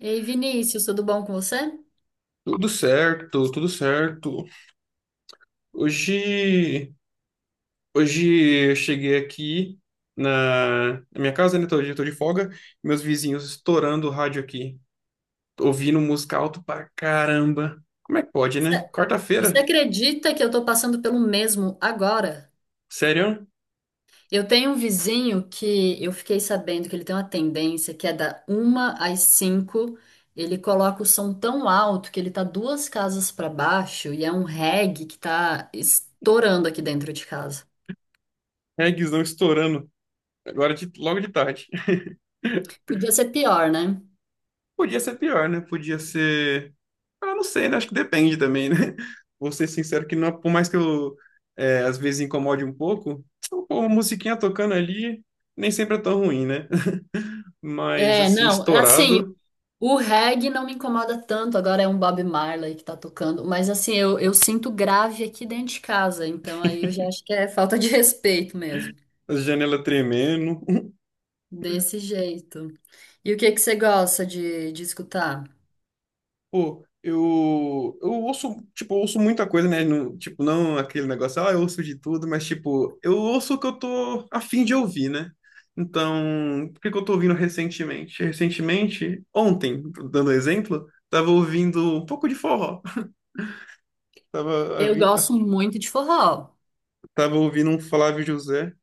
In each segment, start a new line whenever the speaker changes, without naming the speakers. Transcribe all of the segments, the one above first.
Ei, Vinícius, tudo bom com você?
Tudo certo, tudo certo. Hoje, hoje eu cheguei aqui na minha casa, né? Tô, tô de folga. Meus vizinhos estourando o rádio aqui, ouvindo música alto pra caramba. Como é que pode, né?
Você você
Quarta-feira?
acredita que eu tô passando pelo mesmo agora?
Sério?
Eu tenho um vizinho que eu fiquei sabendo que ele tem uma tendência que é da uma às cinco, ele coloca o som tão alto que ele tá duas casas pra baixo e é um reggae que tá estourando aqui dentro de casa.
Reggaezão estourando. Agora logo de tarde.
Podia ser pior, né?
Podia ser pior, né? Podia ser. Ah, não sei, né? Acho que depende também, né? Vou ser sincero que não, por mais que eu às vezes incomode um pouco, então, pô, uma musiquinha tocando ali nem sempre é tão ruim, né? Mas
É,
assim,
não, assim,
estourado,
o reggae não me incomoda tanto, agora é um Bob Marley que tá tocando, mas assim, eu sinto grave aqui dentro de casa, então aí eu já acho que é falta de respeito mesmo.
a janela tremendo.
Desse jeito. E o que que você gosta de escutar?
Pô, eu ouço, tipo, eu ouço muita coisa, né? Tipo, não aquele negócio, ah, eu ouço de tudo, mas tipo, eu ouço o que eu tô a fim de ouvir, né? Então, o que que eu tô ouvindo recentemente? Recentemente, ontem, dando exemplo, tava ouvindo um pouco de forró. Tava, a
Eu gosto muito de forró.
Tava ouvindo um Flávio José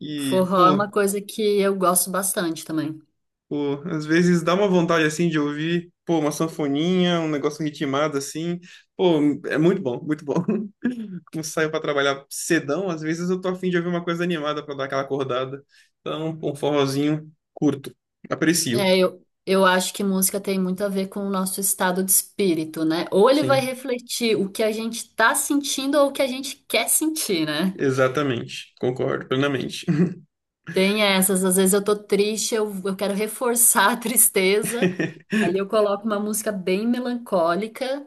e,
Forró é
pô,
uma coisa que eu gosto bastante também.
pô, às vezes dá uma vontade assim de ouvir, pô, uma sanfoninha, um negócio ritmado assim. Pô, é muito bom, muito bom. Como saio pra trabalhar cedão, às vezes eu tô afim de ouvir uma coisa animada pra dar aquela acordada. Então, um forrozinho curto. Aprecio.
É, eu acho que música tem muito a ver com o nosso estado de espírito, né? Ou ele vai
Sim,
refletir o que a gente tá sentindo ou o que a gente quer sentir, né?
exatamente. Concordo plenamente.
Tem essas, às vezes eu tô triste, eu quero reforçar a tristeza, aí eu coloco uma música bem melancólica,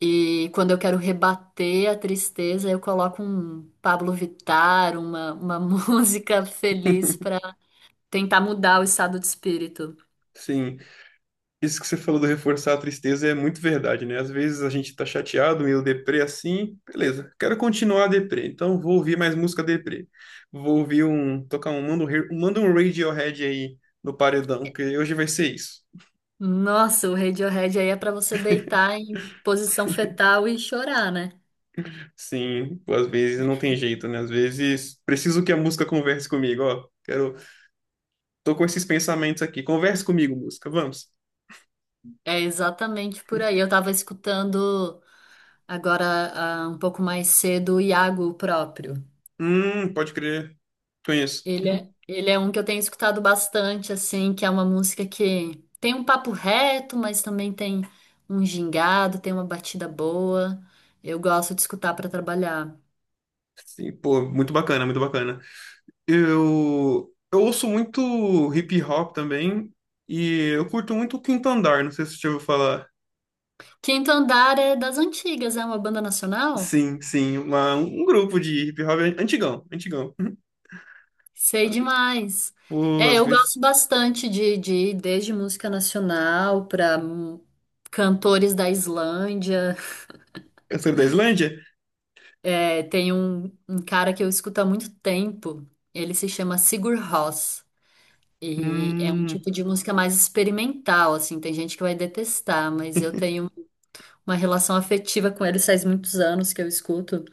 e quando eu quero rebater a tristeza, eu coloco um Pablo Vittar, uma música feliz pra tentar mudar o estado de espírito.
Sim. Isso que você falou do reforçar a tristeza é muito verdade, né? Às vezes a gente tá chateado, meio deprê assim, beleza, quero continuar deprê, então vou ouvir mais música deprê. Vou ouvir um, tocar um, manda um, manda um Radiohead aí no paredão, que hoje vai ser isso.
Nossa, o Radiohead aí é pra você deitar em posição fetal e chorar, né?
Sim, pô, às vezes não tem jeito, né? Às vezes preciso que a música converse comigo, ó, quero, tô com esses pensamentos aqui, converse comigo, música, vamos.
É exatamente por aí. Eu tava escutando agora, um pouco mais cedo, o Iago próprio.
Pode crer, conheço.
Ele é um que eu tenho escutado bastante, assim, que é uma música que tem um papo reto, mas também tem um gingado, tem uma batida boa. Eu gosto de escutar para trabalhar.
Sim, pô, muito bacana, muito bacana. Eu ouço muito hip hop também e eu curto muito o Quinto Andar, não sei se você já ouviu falar.
Quinto Andar é das antigas, é uma banda nacional?
Sim, sim, um grupo de hip hop antigão, antigão.
Sei demais.
Pô,
É,
às
eu
vezes
gosto bastante de ir desde música nacional para cantores da Islândia.
cantor da Islândia?
É, tem um, um cara que eu escuto há muito tempo, ele se chama Sigur Rós. E é um
Hum,
tipo de música mais experimental, assim, tem gente que vai detestar, mas eu tenho uma relação afetiva com eles faz muitos anos que eu escuto.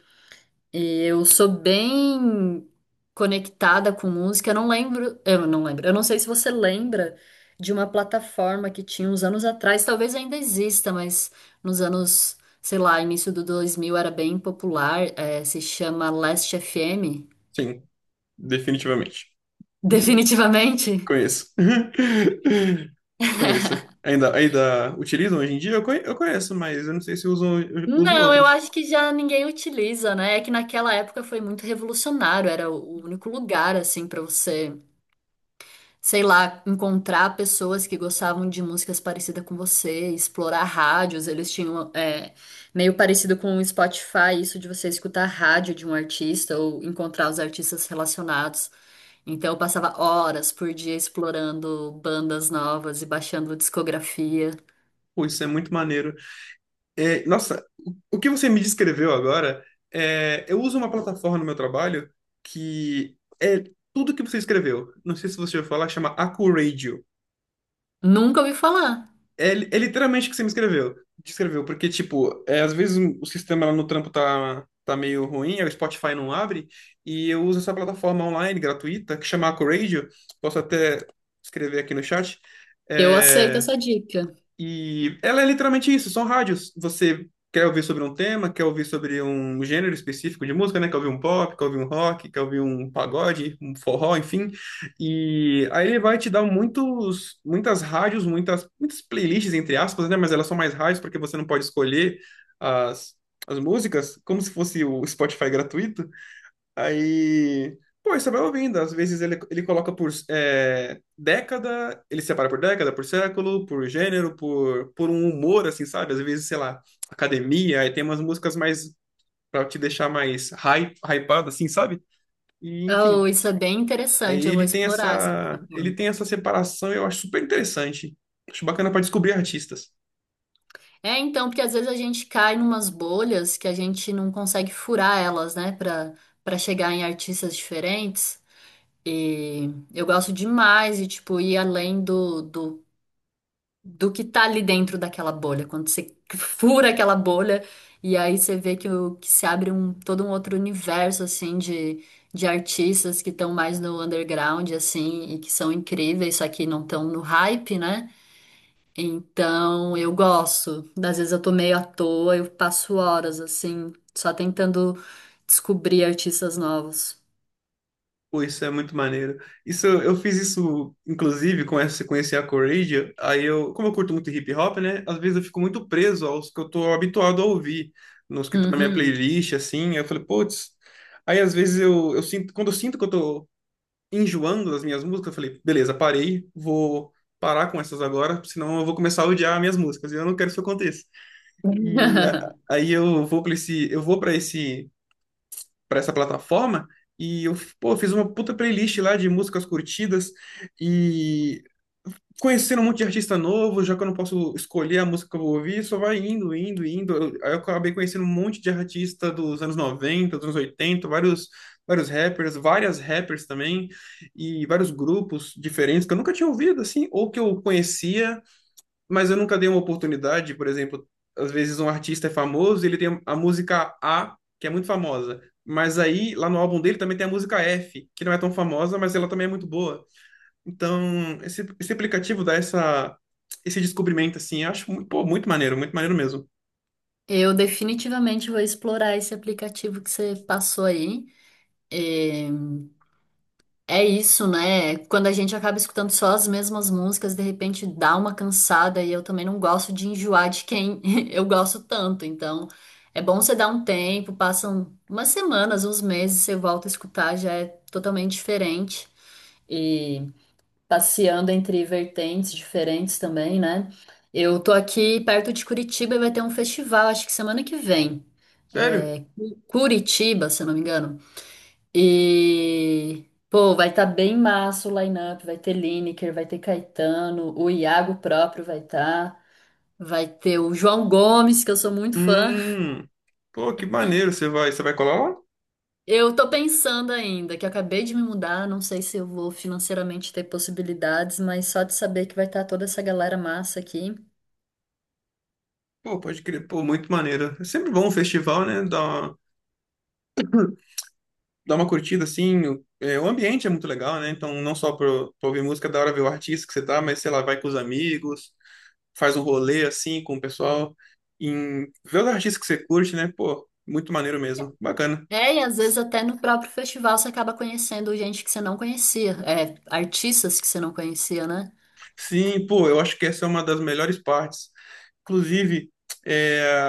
E eu sou bem conectada com música, eu não lembro, eu não sei se você lembra de uma plataforma que tinha uns anos atrás, talvez ainda exista, mas nos anos, sei lá, início do 2000 era bem popular, se chama Last FM,
sim, definitivamente.
definitivamente.
Conheço. Conheço. Ainda utilizam hoje em dia? Eu eu conheço, mas eu não sei se usam, eu uso
Não, eu
outras.
acho que já ninguém utiliza, né? É que naquela época foi muito revolucionário, era o único lugar assim pra você, sei lá, encontrar pessoas que gostavam de músicas parecidas com você, explorar rádios. Eles tinham meio parecido com o Spotify, isso de você escutar rádio de um artista ou encontrar os artistas relacionados. Então eu passava horas por dia explorando bandas novas e baixando discografia.
Pô, isso é muito maneiro. É, nossa, o que você me descreveu agora, é, eu uso uma plataforma no meu trabalho que é tudo que você escreveu. Não sei se você já ouviu falar, chama Acuradio.
Nunca ouvi falar.
É, é literalmente o que você me escreveu. Descreveu, porque, tipo, é, às vezes o sistema lá no trampo tá meio ruim, aí o Spotify não abre, e eu uso essa plataforma online gratuita que chama Acuradio. Posso até escrever aqui no chat.
Eu aceito
É,
essa dica.
e ela é literalmente isso, são rádios. Você quer ouvir sobre um tema, quer ouvir sobre um gênero específico de música, né? Quer ouvir um pop, quer ouvir um rock, quer ouvir um pagode, um forró, enfim. E aí ele vai te dar muitos, muitas rádios, muitas, muitas playlists, entre aspas, né? Mas elas são mais rádios porque você não pode escolher as, as músicas, como se fosse o Spotify gratuito. Aí, pô, aí você vai ouvindo. Às vezes ele coloca por década, ele separa por década, por século, por gênero, por um humor, assim, sabe? Às vezes, sei lá, academia, aí tem umas músicas mais pra te deixar mais hype, hypado, assim, sabe? E, enfim,
Oh, isso é bem
aí
interessante, eu vou explorar essa
ele
plataforma.
tem essa separação, eu acho super interessante. Acho bacana pra descobrir artistas.
É, então, porque às vezes a gente cai numas bolhas que a gente não consegue furar elas, né, para para chegar em artistas diferentes. E eu gosto demais de, tipo, ir além do que tá ali dentro daquela bolha. Quando você fura aquela bolha e aí você vê que, o, que se abre um, todo um outro universo, assim, de artistas que estão mais no underground, assim, e que são incríveis, só que não estão no hype, né? Então, eu gosto. Às vezes eu tô meio à toa, eu passo horas assim, só tentando descobrir artistas novos.
Pô, isso é muito maneiro. Isso, eu fiz isso, inclusive, com essa, sequência a Coradia, aí eu, como eu curto muito hip hop, né, às vezes eu fico muito preso aos que eu tô habituado a ouvir, nos que estão na minha
Uhum.
playlist, assim, eu falei, putz, aí às vezes eu sinto, quando eu sinto que eu tô enjoando das minhas músicas, eu falei, beleza, parei, vou parar com essas agora, senão eu vou começar a odiar minhas músicas, e eu não quero que isso aconteça. E aí eu vou para esse, para essa plataforma e eu, pô, fiz uma puta playlist lá de músicas curtidas e conhecendo um monte de artista novo, já que eu não posso escolher a música que eu vou ouvir, só vai indo, indo, indo. Aí eu acabei conhecendo um monte de artista dos anos 90, dos anos 80, vários, vários rappers, várias rappers também, e vários grupos diferentes que eu nunca tinha ouvido, assim, ou que eu conhecia, mas eu nunca dei uma oportunidade, por exemplo, às vezes um artista é famoso, e ele tem a música A, que é muito famosa, mas aí lá no álbum dele também tem a música F, que não é tão famosa, mas ela também é muito boa. Então, esse aplicativo dá essa esse descobrimento assim, eu acho pô, muito maneiro mesmo.
Eu definitivamente vou explorar esse aplicativo que você passou aí. É, é isso, né? Quando a gente acaba escutando só as mesmas músicas, de repente dá uma cansada e eu também não gosto de enjoar de quem eu gosto tanto. Então, é bom você dar um tempo, passam umas semanas, uns meses, você volta a escutar, já é totalmente diferente. E passeando entre vertentes diferentes também, né? Eu tô aqui perto de Curitiba e vai ter um festival, acho que semana que vem.
Sério?
É, Cu- Curitiba, se eu não me engano. E, pô, vai estar bem massa o line-up. Vai ter Lineker, vai ter Caetano, o Iago próprio vai estar. Vai ter o João Gomes, que eu sou muito fã.
Hum. Pô, que maneiro, você vai colar lá?
Eu tô pensando ainda, que eu acabei de me mudar, não sei se eu vou financeiramente ter possibilidades, mas só de saber que vai estar toda essa galera massa aqui.
Pô, pode crer, pô, muito maneiro. É sempre bom um festival, né? Dar uma curtida assim. O, é, o ambiente é muito legal, né? Então, não só para ouvir música, é da hora ver o artista que você tá, mas sei lá, vai com os amigos, faz um rolê assim com o pessoal, em, vê os artistas que você curte, né? Pô, muito maneiro mesmo, bacana.
É, e às vezes até no próprio festival você acaba conhecendo gente que você não conhecia, é, artistas que você não conhecia, né?
Sim, pô, eu acho que essa é uma das melhores partes. Inclusive, é,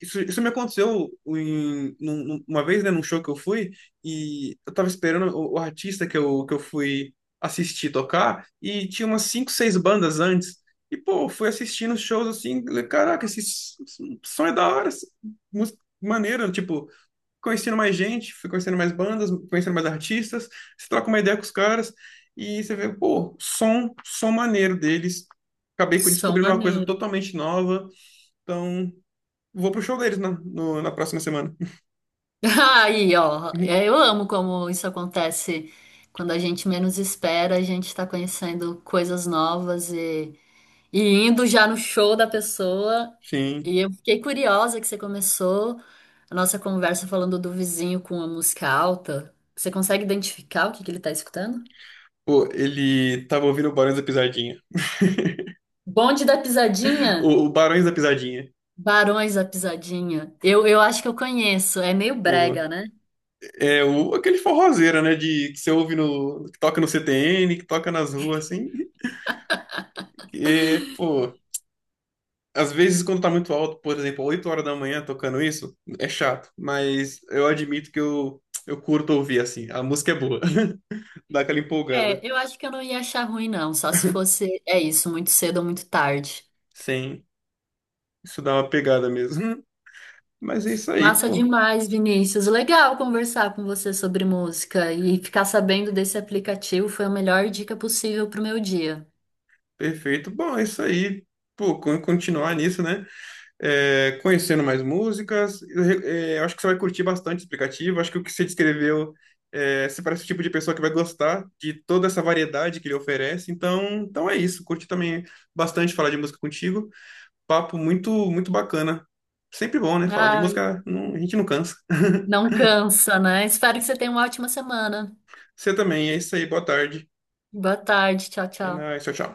Isso me aconteceu em, uma vez, né, num show que eu fui, e eu tava esperando o artista que que eu fui assistir tocar, e tinha umas cinco, seis bandas antes. E, pô, eu fui assistindo os shows assim, falei, caraca, esse som é da hora, essa música maneira, tipo, conhecendo mais gente, fui conhecendo mais bandas, conhecendo mais artistas, você troca uma ideia com os caras, e você vê, pô, som maneiro deles. Acabei
São
descobrindo uma coisa
maneiros.
totalmente nova, então. Vou pro show deles na próxima semana.
Aí, ó,
Uhum.
é, eu amo como isso acontece quando a gente menos espera, a gente tá conhecendo coisas novas e indo já no show da pessoa.
Sim.
E eu fiquei curiosa que você começou a nossa conversa falando do vizinho com a música alta. Você consegue identificar o que que ele tá escutando?
Pô, ele tava ouvindo o Barões da Pisadinha.
Bonde da Pisadinha,
O Barões da Pisadinha.
Barões da Pisadinha. Eu acho que eu conheço, é meio
Pô,
brega, né?
é o, aquele forrozeiro, né? De, que você ouve no. Que toca no CTN, que toca nas ruas, assim. E, pô, às vezes quando tá muito alto, por exemplo, 8 horas da manhã tocando isso, é chato. Mas eu admito que eu curto ouvir, assim. A música é boa. Dá aquela empolgada.
É, eu acho que eu não ia achar ruim, não, só se fosse, é isso, muito cedo ou muito tarde.
Sim. Isso dá uma pegada mesmo. Mas é isso aí,
Massa
pô.
demais, Vinícius. Legal conversar com você sobre música e ficar sabendo desse aplicativo foi a melhor dica possível para o meu dia.
Perfeito. Bom, é isso aí. Pô, continuar nisso, né? É, conhecendo mais músicas. Eu, é, eu acho que você vai curtir bastante esse aplicativo. Acho que o que você descreveu, é, você parece o tipo de pessoa que vai gostar de toda essa variedade que ele oferece. Então, então é isso. Curti também bastante falar de música contigo. Papo muito, muito bacana. Sempre bom, né? Falar de
Ai,
música, a gente não cansa.
não cansa, né? Espero que você tenha uma ótima semana.
Você também. É isso aí. Boa tarde.
Boa tarde, tchau,
É
tchau.
nóis. Tchau, tchau.